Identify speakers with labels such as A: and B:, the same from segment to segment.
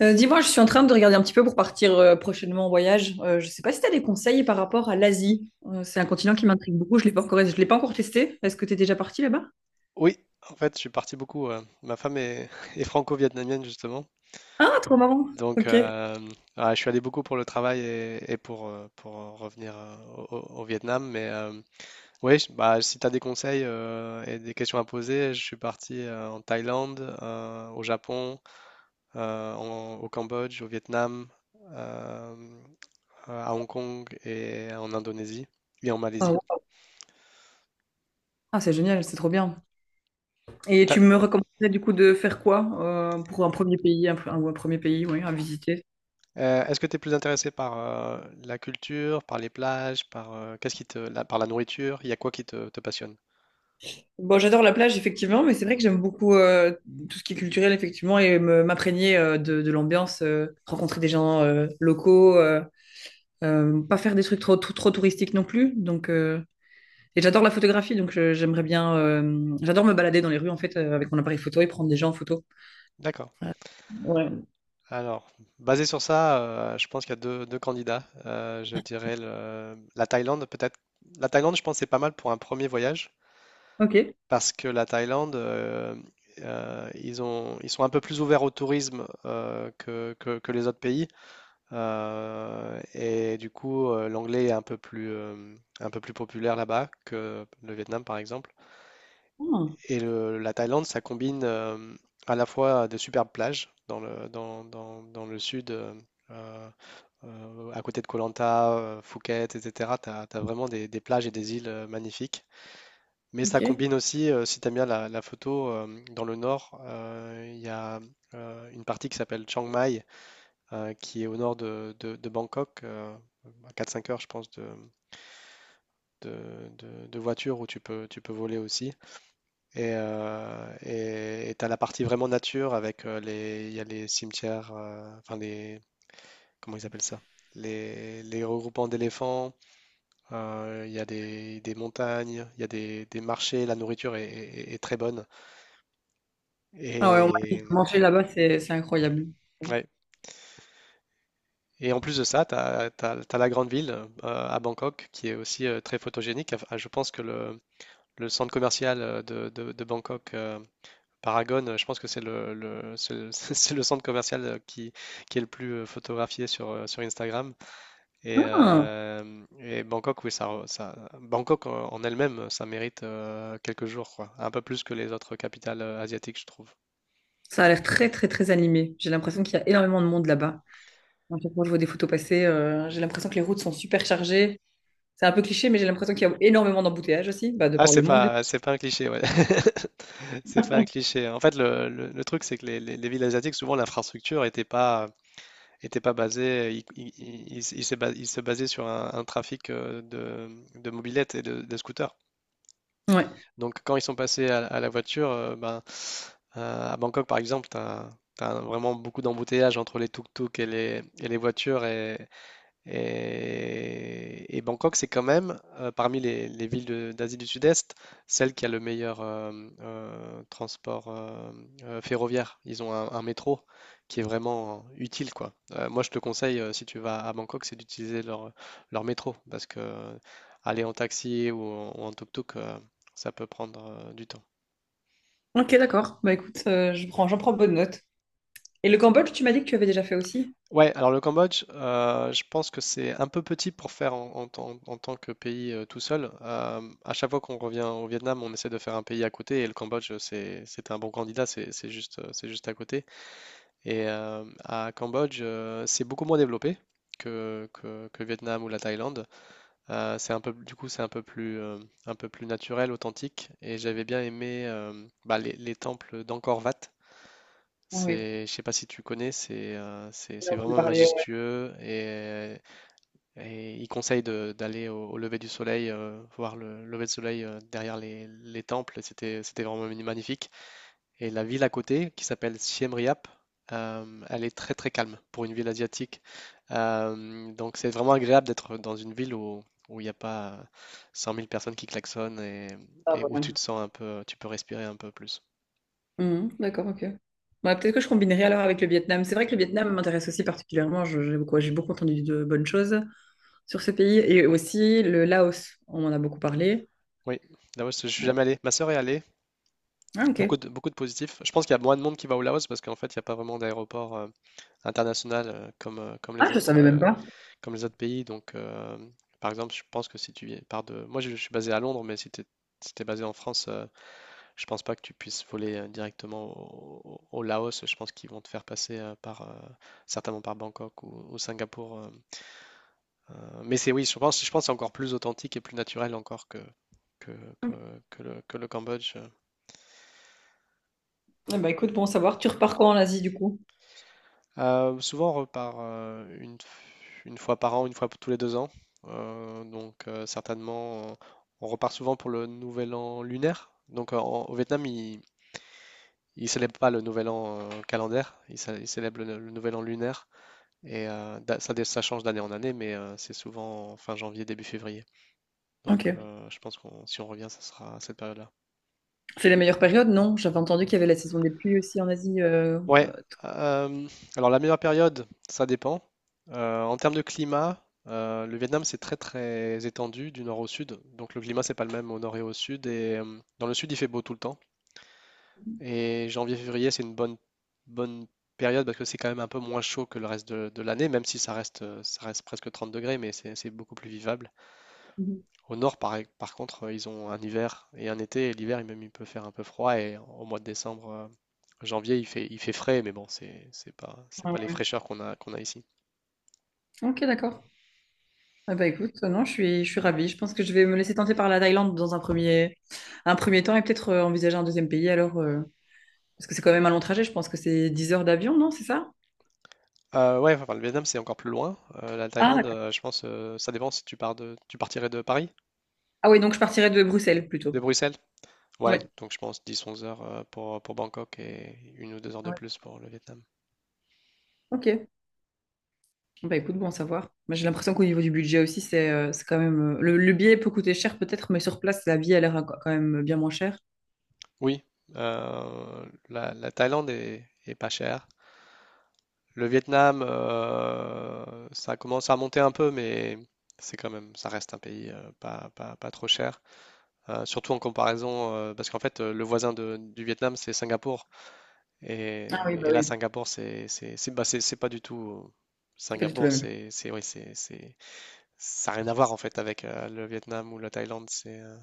A: Dis-moi, je suis en train de regarder un petit peu pour partir prochainement en voyage. Je sais pas si tu as des conseils par rapport à l'Asie. C'est un continent qui m'intrigue beaucoup. Je l'ai pas encore testé. Est-ce que tu es déjà parti là-bas?
B: Oui, en fait, je suis parti beaucoup. Ma femme est, est franco-vietnamienne, justement.
A: Ah, trop marrant.
B: Donc,
A: Ok.
B: euh, ah, je suis allé beaucoup pour le travail et pour revenir au, au Vietnam. Mais oui, bah, si tu as des conseils et des questions à poser, je suis parti en Thaïlande, au Japon, au Cambodge, au Vietnam, euh, à Hong Kong et en Indonésie et en
A: Ah,
B: Malaisie.
A: ouais. Ah, c'est génial, c'est trop bien. Et tu me recommanderais du coup de faire quoi pour un premier pays, ou un premier pays, oui, à visiter?
B: Est-ce que tu es plus intéressé par la culture, par les plages, par qu'est-ce qui te, la- par la nourriture? Il y a quoi qui te passionne?
A: Bon, j'adore la plage effectivement, mais c'est vrai que j'aime beaucoup tout ce qui est culturel effectivement et m'imprégner de l'ambiance, rencontrer des gens locaux. Pas faire des trucs trop, trop, trop touristiques non plus. Et j'adore la photographie, donc j'aimerais bien. J'adore me balader dans les rues en fait avec mon appareil photo et prendre des gens en photo.
B: D'accord.
A: Euh, ouais.
B: Alors, basé sur ça, je pense qu'il y a deux candidats. Je dirais la Thaïlande, peut-être. La Thaïlande, je pense, c'est pas mal pour un premier voyage,
A: Ok.
B: parce que la Thaïlande, ils sont un peu plus ouverts au tourisme que les autres pays. Et du coup, l'anglais est un peu plus populaire là-bas que le Vietnam, par exemple.
A: Ah,
B: Et la Thaïlande, ça combine à la fois de superbes plages dans dans le sud, euh, à côté de Koh Lanta, Phuket, etc. Tu as vraiment des plages et des îles magnifiques. Mais ça
A: ok.
B: combine aussi, si tu aimes bien la photo, dans le nord, il y a une partie qui s'appelle Chiang Mai, qui est au nord de Bangkok, à 4-5 heures, je pense, de voiture, où tu peux voler aussi. Et tu as la partie vraiment nature avec il y a les cimetières, enfin les, comment ils appellent ça? Les regroupements d'éléphants, il y a des montagnes, il y a des marchés, la nourriture est très bonne.
A: Ah ouais, on m'a dit
B: Et,
A: que manger là-bas, c'est incroyable.
B: ouais. Et en plus de ça, tu as la grande ville à Bangkok, qui est aussi très photogénique. Enfin, je pense que le centre commercial de Bangkok, Paragon, je pense que c'est c'est le centre commercial qui est le plus photographié sur, sur Instagram.
A: Ah,
B: Et Bangkok, oui, Bangkok en elle-même, ça mérite quelques jours, quoi. Un peu plus que les autres capitales asiatiques, je trouve.
A: ça a l'air très très très animé. J'ai l'impression qu'il y a énormément de monde là-bas. À chaque fois que je vois des photos passer, j'ai l'impression que les routes sont super chargées. C'est un peu cliché, mais j'ai l'impression qu'il y a énormément d'embouteillages aussi, bah, de
B: Ah,
A: par le monde du
B: c'est pas un cliché, ouais. C'est pas un cliché. En fait, le truc, c'est que les villes asiatiques, souvent, l'infrastructure n'était pas, était pas basé, il il se basait sur un trafic de mobylettes et de scooters.
A: coup. Ouais.
B: Donc quand ils sont passés à la voiture, ben, à Bangkok par exemple, tu as vraiment beaucoup d'embouteillages entre les tuk-tuk et les voitures et Bangkok, c'est quand même, parmi les villes d'Asie du Sud-Est, celle qui a le meilleur transport ferroviaire. Ils ont un métro qui est vraiment utile, quoi. Moi, je te conseille, si tu vas à Bangkok, c'est d'utiliser leur, leur métro, parce que aller en taxi ou en tuk-tuk, ça peut prendre du temps.
A: Ok, d'accord. Bah écoute, j'en prends bonne note. Et le Cambodge, tu m'as dit que tu avais déjà fait aussi?
B: Ouais, alors le Cambodge, je pense que c'est un peu petit pour faire en, en tant que pays tout seul. À chaque fois qu'on revient au Vietnam, on essaie de faire un pays à côté, et le Cambodge, c'est un bon candidat, c'est juste, c'est juste à côté. Et à Cambodge, c'est beaucoup moins développé que, que Vietnam ou la Thaïlande. C'est un peu, du coup, c'est un peu plus naturel, authentique. Et j'avais bien aimé bah, les temples d'Angkor Wat.
A: Ah oui.
B: C'est, je sais pas si tu connais,
A: On
B: c'est
A: en a
B: vraiment
A: entendu ouais,
B: majestueux, et il conseille d'aller au, au lever du soleil, voir le lever du soleil derrière les temples. C'était vraiment magnifique. Et la ville à côté, qui s'appelle Siem Reap, elle est très très calme pour une ville asiatique. Donc c'est vraiment agréable d'être dans une ville où il n'y a pas 100 000 personnes qui klaxonnent,
A: ça,
B: et où
A: voilà.
B: tu te sens un peu, tu peux respirer un peu plus.
A: Mhm, d'accord, ok. Bah, peut-être que je combinerai alors avec le Vietnam. C'est vrai que le Vietnam m'intéresse aussi particulièrement. J'ai beaucoup entendu de bonnes choses sur ce pays. Et aussi le Laos, on en a beaucoup parlé.
B: Oui, là je suis jamais allé. Ma sœur est allée.
A: Ah, ok.
B: Beaucoup de positifs. Je pense qu'il y a moins de monde qui va au Laos, parce qu'en fait, il n'y a pas vraiment d'aéroport international,
A: Ah, je savais même pas.
B: comme les autres pays. Donc, par exemple, je pense que si pars de... Moi, je suis basé à Londres, mais si tu es basé en France, je pense pas que tu puisses voler directement au, au Laos. Je pense qu'ils vont te faire passer certainement par Bangkok ou Singapour. Mais c'est, oui, je pense que c'est encore plus authentique et plus naturel encore que, que, que que le Cambodge.
A: Eh ben, écoute, bon savoir, tu repars quand en Asie du coup?
B: Souvent, on repart une fois par an, une fois tous les deux ans. Donc, certainement, on repart souvent pour le nouvel an lunaire. Donc, au Vietnam, ils ne célèbrent pas le nouvel an calendaire, ils célèbrent le nouvel an lunaire. Et ça change d'année en année, mais c'est souvent fin janvier, début février. Donc,
A: Ok.
B: je pense que si on revient, ça sera à cette période-là.
A: C'est la meilleure période, non? J'avais entendu qu'il y avait la saison des pluies aussi en Asie.
B: Ouais, euh, alors la meilleure période, ça dépend. En termes de climat, le Vietnam c'est très très étendu du nord au sud, donc le climat c'est pas le même au nord et au sud. Et dans le sud il fait beau tout le temps. Et janvier-février c'est une bonne période, parce que c'est quand même un peu moins chaud que le reste de l'année, même si ça reste ça reste presque 30 degrés, mais c'est beaucoup plus vivable.
A: Mhm.
B: Au nord, par contre, ils ont un hiver et un été. Et l'hiver, même, il peut faire un peu froid. Et au mois de décembre, janvier, il fait frais, mais bon, c'est pas les fraîcheurs qu'on a, qu'on a ici.
A: Ok, d'accord. Eh ben, écoute, non, je suis ravie. Je pense que je vais me laisser tenter par la Thaïlande dans un premier temps et peut-être envisager un deuxième pays alors. Parce que c'est quand même un long trajet, je pense que c'est 10 heures d'avion, non? C'est ça?
B: Ouais, enfin, le Vietnam, c'est encore plus loin. La
A: Ah,
B: Thaïlande,
A: d'accord.
B: je pense, ça dépend si tu pars de, tu partirais de Paris,
A: Ah oui, donc je partirai de Bruxelles
B: de
A: plutôt.
B: Bruxelles. Ouais,
A: Oui.
B: donc je pense 10-11 heures pour Bangkok, et une ou deux heures
A: Ah
B: de
A: ouais.
B: plus pour le Vietnam.
A: Ok. Bah écoute, bon à savoir. Bah, j'ai l'impression qu'au niveau du budget aussi, c'est quand même. Le billet peut coûter cher peut-être, mais sur place, la vie a l'air quand même bien moins chère.
B: Oui, la, la Thaïlande est pas chère. Le Vietnam, ça commence à monter un peu, mais c'est quand même, ça reste un pays pas trop cher. Surtout en comparaison, parce qu'en fait, le voisin du Vietnam, c'est Singapour.
A: Ah oui, bah
B: Et là,
A: oui.
B: Singapour, bah, c'est pas du tout.
A: C'est pas du tout la
B: Singapour,
A: même.
B: oui, ça n'a rien à voir en fait avec le Vietnam ou la Thaïlande. C'est, euh,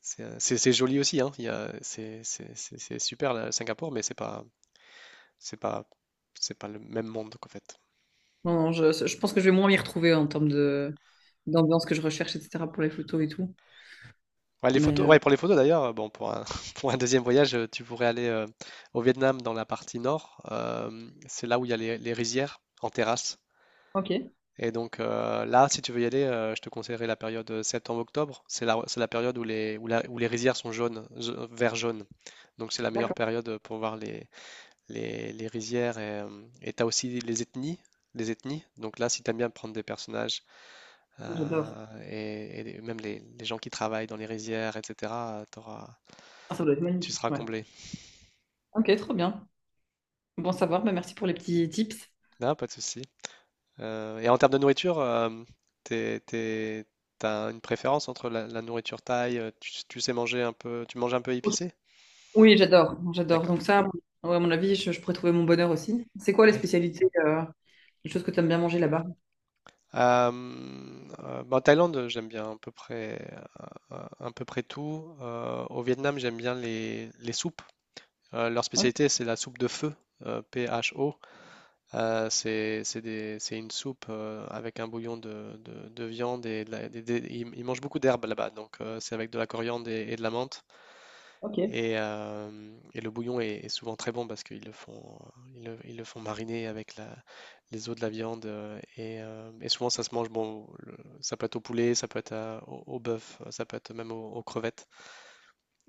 B: c'est, euh, c'est- c'est joli aussi, hein. Il y a- c'est- C'est super, là, Singapour, mais c'est pas, c'est pas le même monde qu'en fait.
A: Non, non, je pense que je vais moins m'y retrouver en termes de d'ambiance que je recherche, etc. pour les photos et tout.
B: Ouais, les
A: Mais
B: photos,
A: euh,
B: ouais, pour les photos d'ailleurs, bon, pour un deuxième voyage, tu pourrais aller au Vietnam dans la partie nord. C'est là où il y a les rizières en terrasse.
A: ok,
B: Et donc là, si tu veux y aller, je te conseillerais la période septembre-octobre. C'est la période où les, où les rizières sont jaunes, vert jaune. Donc c'est la meilleure
A: d'accord.
B: période pour voir les rizières. Et t'as aussi les ethnies. Les ethnies. Donc là, si t'aimes bien prendre des personnages
A: J'adore.
B: et même les gens qui travaillent dans les rizières, etc., t'auras,
A: Ah, ça doit être
B: tu
A: magnifique,
B: seras
A: ouais.
B: comblé.
A: Ok, trop bien. Bon à savoir, bah merci pour les petits tips.
B: Non, pas de souci. Et en termes de nourriture, t'es, t'es- t'as une préférence entre la, la nourriture thaï, tu sais manger un peu, tu manges un peu épicé?
A: Oui, j'adore, j'adore.
B: D'accord.
A: Donc ça, ouais, à mon avis, je pourrais trouver mon bonheur aussi. C'est quoi les
B: Oui.
A: spécialités, les choses que tu aimes bien manger là-bas?
B: Euh, Bah, en Thaïlande, j'aime bien à peu près tout. Au Vietnam, j'aime bien les soupes. Leur
A: Ok.
B: spécialité, c'est la soupe de feu, PHO. C'est une soupe avec un bouillon de viande et de la- des- ils mangent beaucoup d'herbes là-bas, donc c'est avec de la coriandre et de la menthe.
A: Ok.
B: Et, euh, et le bouillon est souvent très bon, parce qu'ils le font, ils le font mariner avec la, les os de la viande et souvent ça se mange bon, ça peut être au poulet, ça peut être au bœuf, ça peut être même aux, aux crevettes.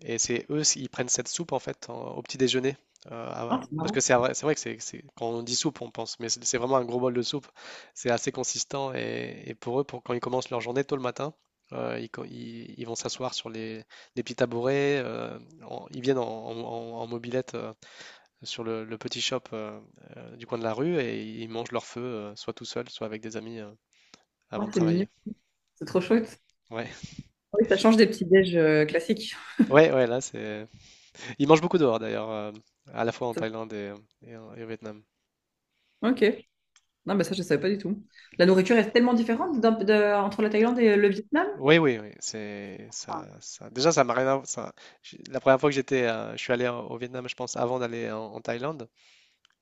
B: Et c'est eux, ils prennent cette soupe en fait au petit déjeuner.
A: Ah, c'est
B: Parce
A: marrant.
B: que c'est vrai, quand on dit soupe, on pense, mais c'est vraiment un gros bol de soupe. C'est assez consistant, et pour eux, pour, quand ils commencent leur journée tôt le matin, ils vont s'asseoir sur les petits tabourets. Ils viennent en, en mobilette sur le petit shop du coin de la rue, et ils mangent leur feu, soit tout seul, soit avec des amis avant
A: Ah,
B: de
A: c'est mignon.
B: travailler.
A: C'est trop chouette.
B: Ouais,
A: Oui, ça change des petits déj classiques.
B: ouais, là c'est. Ils mangent beaucoup dehors d'ailleurs, à la fois en
A: Ça-
B: Thaïlande et et au Vietnam.
A: Ok. Non, mais ça, je ne savais pas du tout. La nourriture est tellement différente entre la Thaïlande et le Vietnam.
B: Oui, c'est ça,
A: Ah,
B: Déjà, ça m'a rien. À- Ça, la première fois que j'étais, je suis allé au Vietnam, je pense, avant d'aller en, en Thaïlande.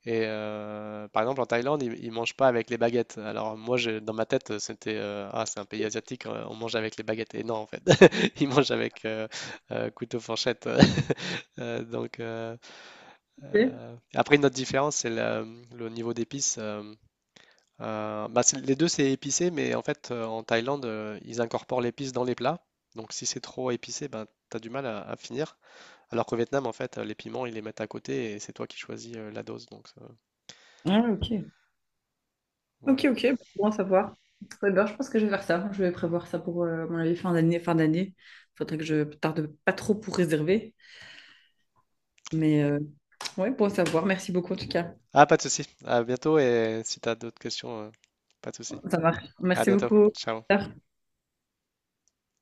B: Et par exemple, en Thaïlande, ils mangent pas avec les baguettes. Alors moi, dans ma tête, c'était ah, c'est un pays asiatique, on mange avec les baguettes. Et non, en fait, ils mangent avec couteau, fourchette. Donc
A: ok.
B: après, une autre différence, c'est le niveau d'épices. Bah, les deux, c'est épicé, mais en fait, en Thaïlande, ils incorporent l'épice dans les plats. Donc, si c'est trop épicé, ben, tu as du mal à finir. Alors qu'au Vietnam, en fait, les piments, ils les mettent à côté, et c'est toi qui choisis la dose. Donc,
A: Ah, ouais, ok. Ok,
B: voilà.
A: ok. Bon bon à savoir. Ouais, ben, je pense que je vais faire ça. Je vais prévoir ça pour mon avis fin d'année. Fin d'année. Faudrait que je tarde pas trop pour réserver. Mais euh, ouais, bon à savoir. Merci beaucoup en tout cas.
B: Ah, pas de souci. À bientôt, et si tu as d'autres questions, pas de souci.
A: Ça marche.
B: À
A: Merci
B: bientôt.
A: beaucoup.
B: Ciao.
A: À plus. Tard.